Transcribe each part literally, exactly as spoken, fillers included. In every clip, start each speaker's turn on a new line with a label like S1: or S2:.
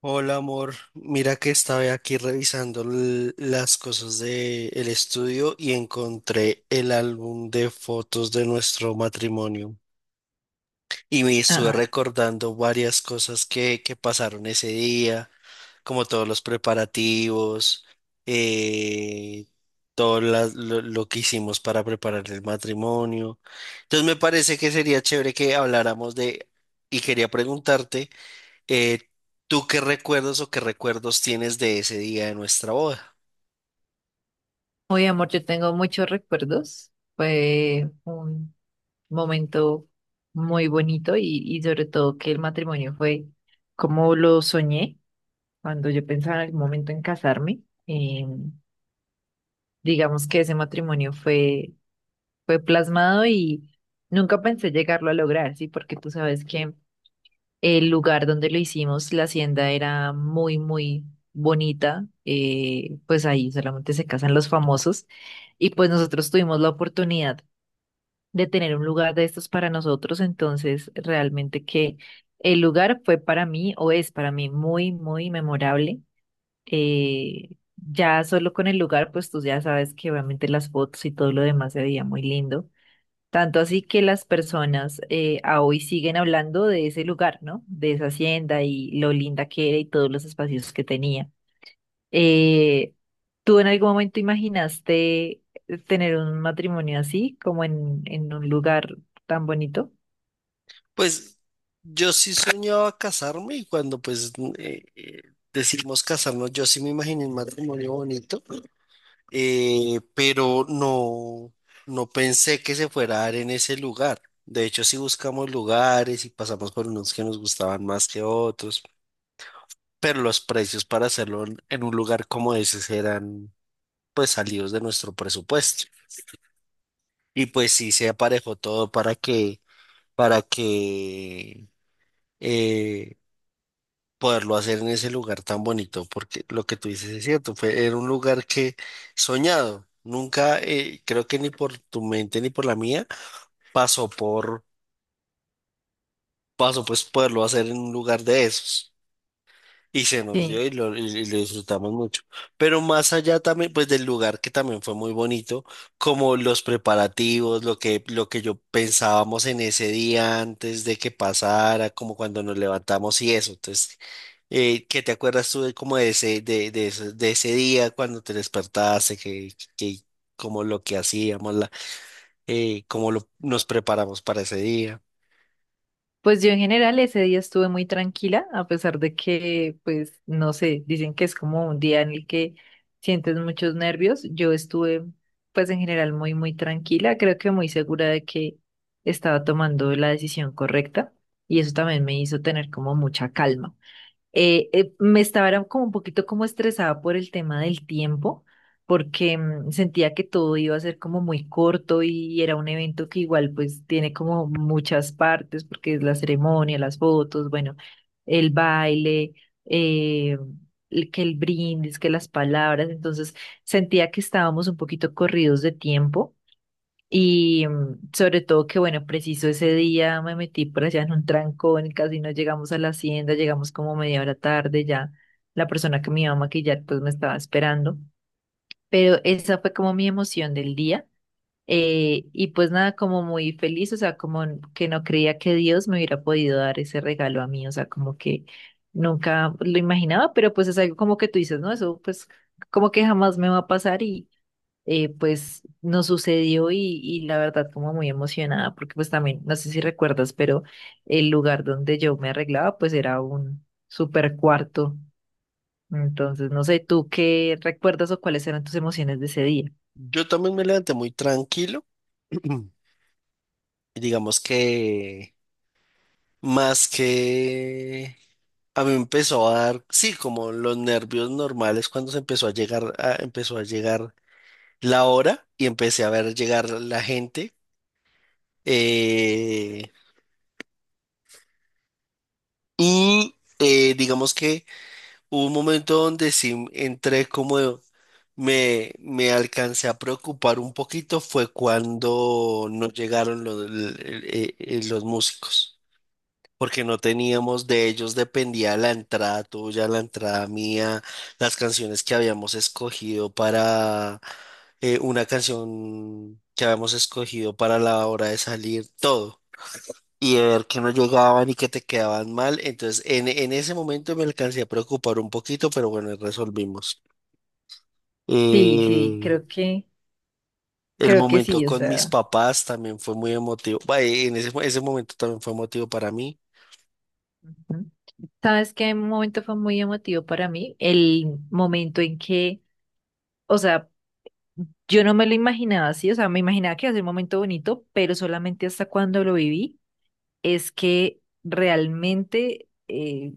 S1: Hola amor, mira que estaba aquí revisando l- las cosas del estudio y encontré el álbum de fotos de nuestro matrimonio y me estuve
S2: Ah,
S1: recordando varias cosas que, que pasaron ese día, como todos los preparativos, eh, todo la- lo, lo que hicimos para preparar el matrimonio. Entonces me parece que sería chévere que habláramos de, y quería preguntarte. Eh, ¿Tú qué recuerdos o qué recuerdos tienes de ese día de nuestra boda?
S2: hoy, amor, yo tengo muchos recuerdos. Fue un momento muy bonito y, y sobre todo que el matrimonio fue como lo soñé cuando yo pensaba en algún momento en casarme. Eh, digamos que ese matrimonio fue, fue plasmado y nunca pensé llegarlo a lograr, ¿sí? Porque tú sabes que el lugar donde lo hicimos, la hacienda era muy, muy bonita. Eh, pues ahí solamente se casan los famosos. Y pues nosotros tuvimos la oportunidad de tener un lugar de estos para nosotros. Entonces, realmente que el lugar fue para mí o es para mí muy, muy memorable. eh, ya solo con el lugar, pues tú ya sabes que obviamente las fotos y todo lo demás se veía muy lindo. Tanto así que las personas eh, a hoy siguen hablando de ese lugar, ¿no? De esa hacienda y lo linda que era y todos los espacios que tenía. Eh, ¿Tú en algún momento imaginaste eh, tener un matrimonio así, como en, en un lugar tan bonito?
S1: Pues yo sí soñaba casarme y cuando pues eh, eh, decidimos casarnos, yo sí me imaginé un matrimonio bonito, eh, pero no, no pensé que se fuera a dar en ese lugar. De hecho, sí buscamos lugares y pasamos por unos que nos gustaban más que otros, pero los precios para hacerlo en en un lugar como ese eran pues salidos de nuestro presupuesto. Y pues sí, se aparejó todo para que, para que eh, poderlo hacer en ese lugar tan bonito, porque lo que tú dices es cierto, fue, era un lugar que soñado, nunca, eh, creo que ni por tu mente ni por la mía, pasó por, pasó pues poderlo hacer en un lugar de esos. Y se nos
S2: Sí.
S1: dio y lo, y- y lo disfrutamos mucho. Pero más allá también, pues del lugar que también fue muy bonito, como los preparativos, lo que, lo que yo pensábamos en ese día antes de que pasara, como cuando nos levantamos y eso. Entonces, eh, ¿qué te acuerdas tú de como de ese, de, de ese, de ese día cuando te despertaste, que, que como lo que hacíamos, la, eh, cómo lo, nos preparamos para ese día?
S2: Pues yo en general ese día estuve muy tranquila, a pesar de que, pues, no sé, dicen que es como un día en el que sientes muchos nervios. Yo estuve, pues, en general muy, muy tranquila, creo que muy segura de que estaba tomando la decisión correcta y eso también me hizo tener como mucha calma. Eh, eh, me estaba era como un poquito como estresada por el tema del tiempo, porque mm, sentía que todo iba a ser como muy corto y era un evento que igual pues tiene como muchas partes, porque es la ceremonia, las fotos, bueno, el baile, eh, el- que el brindis, que las palabras, entonces sentía que estábamos un poquito corridos de tiempo. Y mm, sobre todo que, bueno, preciso ese día me metí por allá en un trancón, casi no llegamos a la hacienda, llegamos como media hora tarde, ya la persona que me iba a maquillar pues me estaba esperando, pero esa fue como mi emoción del día. Eh, y pues nada, como muy feliz, o sea, como n- que no creía que Dios me hubiera podido dar ese regalo a mí, o sea, como que nunca lo imaginaba, pero pues es algo como que tú dices, ¿no? Eso pues como que jamás me va a pasar. Eh, pues nos sucedió y, y la verdad como muy emocionada, porque pues también, no sé si recuerdas, pero el lugar donde yo me arreglaba pues era un super cuarto. Entonces, no sé, ¿tú qué recuerdas o cuáles eran tus emociones de ese día?
S1: Yo también me levanté muy tranquilo. Digamos que más que a mí me empezó a dar, sí, como los nervios normales cuando se empezó a llegar, a- empezó a llegar la hora y empecé a ver llegar la gente. eh, y eh, digamos que hubo un momento donde sí entré como me, me alcancé a preocupar un poquito fue cuando no llegaron los, el- el- eh, los músicos. Porque no teníamos, de ellos dependía la entrada tuya, la entrada mía, las canciones que habíamos escogido para eh, una canción que habíamos escogido para la hora de salir, todo. Y de ver que no llegaban y que te quedaban mal. Entonces, en, en ese momento me alcancé a preocupar un poquito, pero bueno, resolvimos.
S2: Sí, sí,
S1: Eh,
S2: creo que,
S1: el
S2: creo que
S1: momento
S2: sí, o
S1: con mis
S2: sea.
S1: papás también fue muy emotivo. Bah, en ese, ese momento también fue emotivo para mí.
S2: Ujú. ¿Sabes qué momento fue muy emotivo para mí? El momento en que, o sea, yo no me lo imaginaba así, o sea, me imaginaba que iba a ser un momento bonito, pero solamente hasta cuando lo viví es que realmente, eh,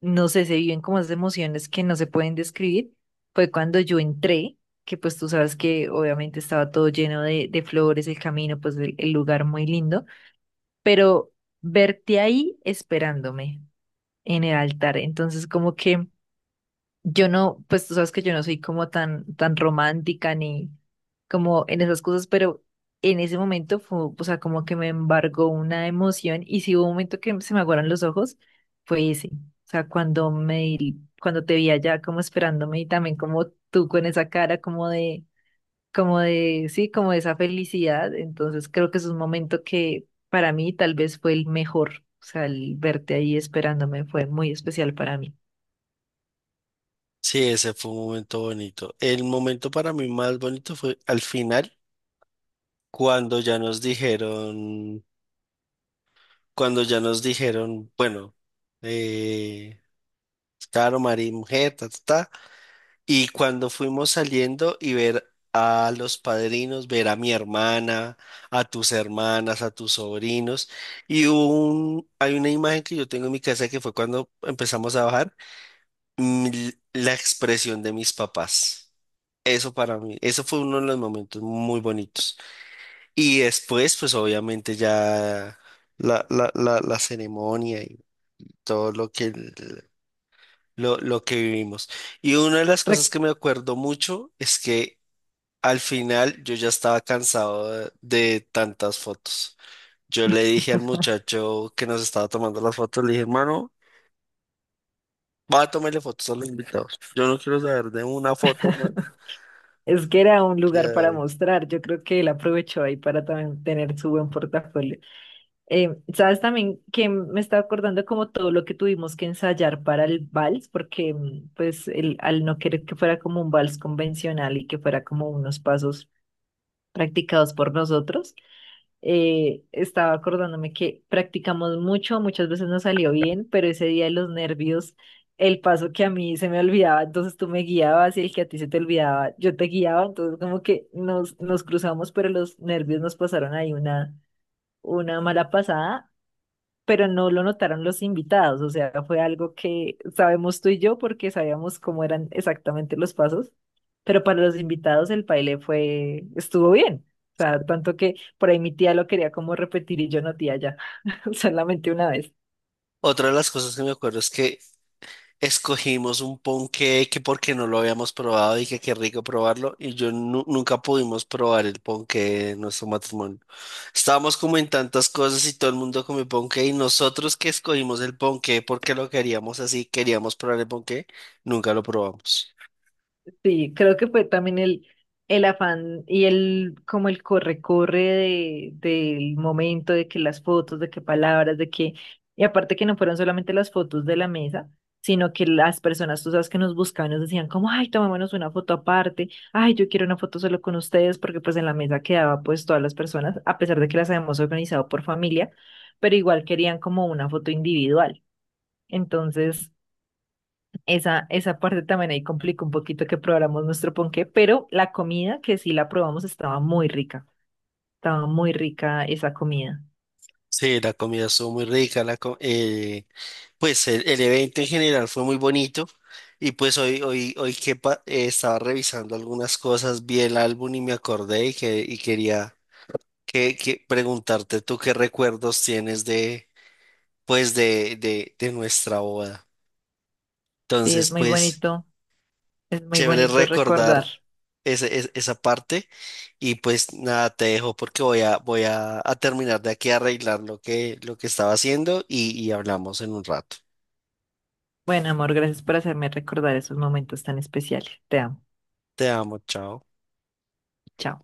S2: no sé, se viven como esas emociones que no se pueden describir. Fue cuando yo entré, que pues tú sabes que obviamente estaba todo lleno de, de flores, el camino, pues el, el lugar muy lindo, pero verte ahí esperándome en el altar. Entonces, como que yo no, pues tú sabes que yo no soy como tan, tan romántica ni como en esas cosas, pero en ese momento fue, o sea, como que me embargó una emoción y si hubo un momento que se me aguaron los ojos, fue ese. O sea, cuando me, di- cuando te vi allá como esperándome y también como tú con esa cara como de, como de, sí, como de esa felicidad. Entonces creo que es un momento que para mí tal vez fue el mejor. O sea, el verte ahí esperándome fue muy especial para mí.
S1: Sí, ese fue un momento bonito. El momento para mí más bonito fue al final, cuando ya nos dijeron, cuando ya nos dijeron, bueno, eh, claro, María mujer, ta, ta, ta, y cuando fuimos saliendo y ver a los padrinos, ver a mi hermana, a tus hermanas, a tus sobrinos, y hubo un, hay una imagen que yo tengo en mi casa que fue cuando empezamos a bajar mm, la expresión de mis papás. Eso para mí, eso fue uno de los momentos muy bonitos. Y después, pues obviamente ya la, la, la, la ceremonia y todo lo que, el- lo, lo que vivimos. Y una de las cosas
S2: Rec-
S1: que me acuerdo mucho es que al final yo ya estaba cansado de, de tantas fotos. Yo le dije al muchacho que nos estaba tomando las fotos, le dije, hermano, va a tomarle fotos a los invitados. Yo no quiero saber de una foto más
S2: Es que era un
S1: el día
S2: lugar
S1: de
S2: para
S1: hoy".
S2: mostrar. Yo creo que él aprovechó ahí para también tener su buen portafolio. Eh, sabes también que me estaba acordando como todo lo que tuvimos que ensayar para el vals, porque mm, pues el, al no querer que fuera como un vals convencional y que fuera como unos pasos practicados por nosotros. Eh, estaba acordándome que practicamos mucho, muchas veces no salió bien, pero ese día de los nervios, el paso que a mí se me olvidaba, entonces tú me guiabas y el que a ti se te olvidaba, yo te guiaba, entonces como que nos, nos cruzamos, pero los nervios nos pasaron ahí una, una mala pasada, pero no lo notaron los invitados, o sea, fue algo que sabemos tú y yo porque sabíamos cómo eran exactamente los pasos, pero para los invitados el baile fue, estuvo bien, o sea, tanto que por ahí mi tía lo quería como repetir y yo no, tía, ya, solamente una vez.
S1: Otra de las cosas que me acuerdo es que escogimos un ponqué que porque no lo habíamos probado y que qué rico probarlo y yo nu- nunca pudimos probar el ponqué en nuestro matrimonio. Estábamos como en tantas cosas y todo el mundo comió ponqué y nosotros que escogimos el ponqué porque lo queríamos así, queríamos probar el ponqué, nunca lo probamos.
S2: Sí, creo que fue también el, el afán y el como el corre-corre de, del momento, de que las fotos, de que palabras, de que, y aparte que no fueron solamente las fotos de la mesa, sino que las personas, tú sabes, que nos buscaban, nos decían como, ay, tomémonos una foto aparte, ay, yo quiero una foto solo con ustedes, porque pues en la mesa quedaba pues todas las personas, a pesar de que las habíamos organizado por familia, pero igual querían como una foto individual. Entonces... Esa, esa parte también ahí complica un poquito que probáramos nuestro ponqué, pero la comida que sí la probamos estaba muy rica, estaba muy rica esa comida.
S1: Sí, la comida estuvo muy rica, la co- eh, pues el, el evento en general fue muy bonito y pues hoy, hoy, hoy que pa- eh, estaba revisando algunas cosas, vi el álbum y me acordé y, que, y quería que, que preguntarte tú qué recuerdos tienes de, pues de, de, de nuestra boda.
S2: Sí,
S1: Entonces,
S2: es muy
S1: pues
S2: bonito, es muy
S1: chévere
S2: bonito
S1: recordar
S2: recordar.
S1: ese- es- esa parte y pues nada, te dejo porque voy a, voy a, a terminar de aquí a arreglar lo que, lo que estaba haciendo y, y hablamos en un rato.
S2: Bueno, amor, gracias por hacerme recordar esos momentos tan especiales. Te amo.
S1: Te amo, chao.
S2: Chao.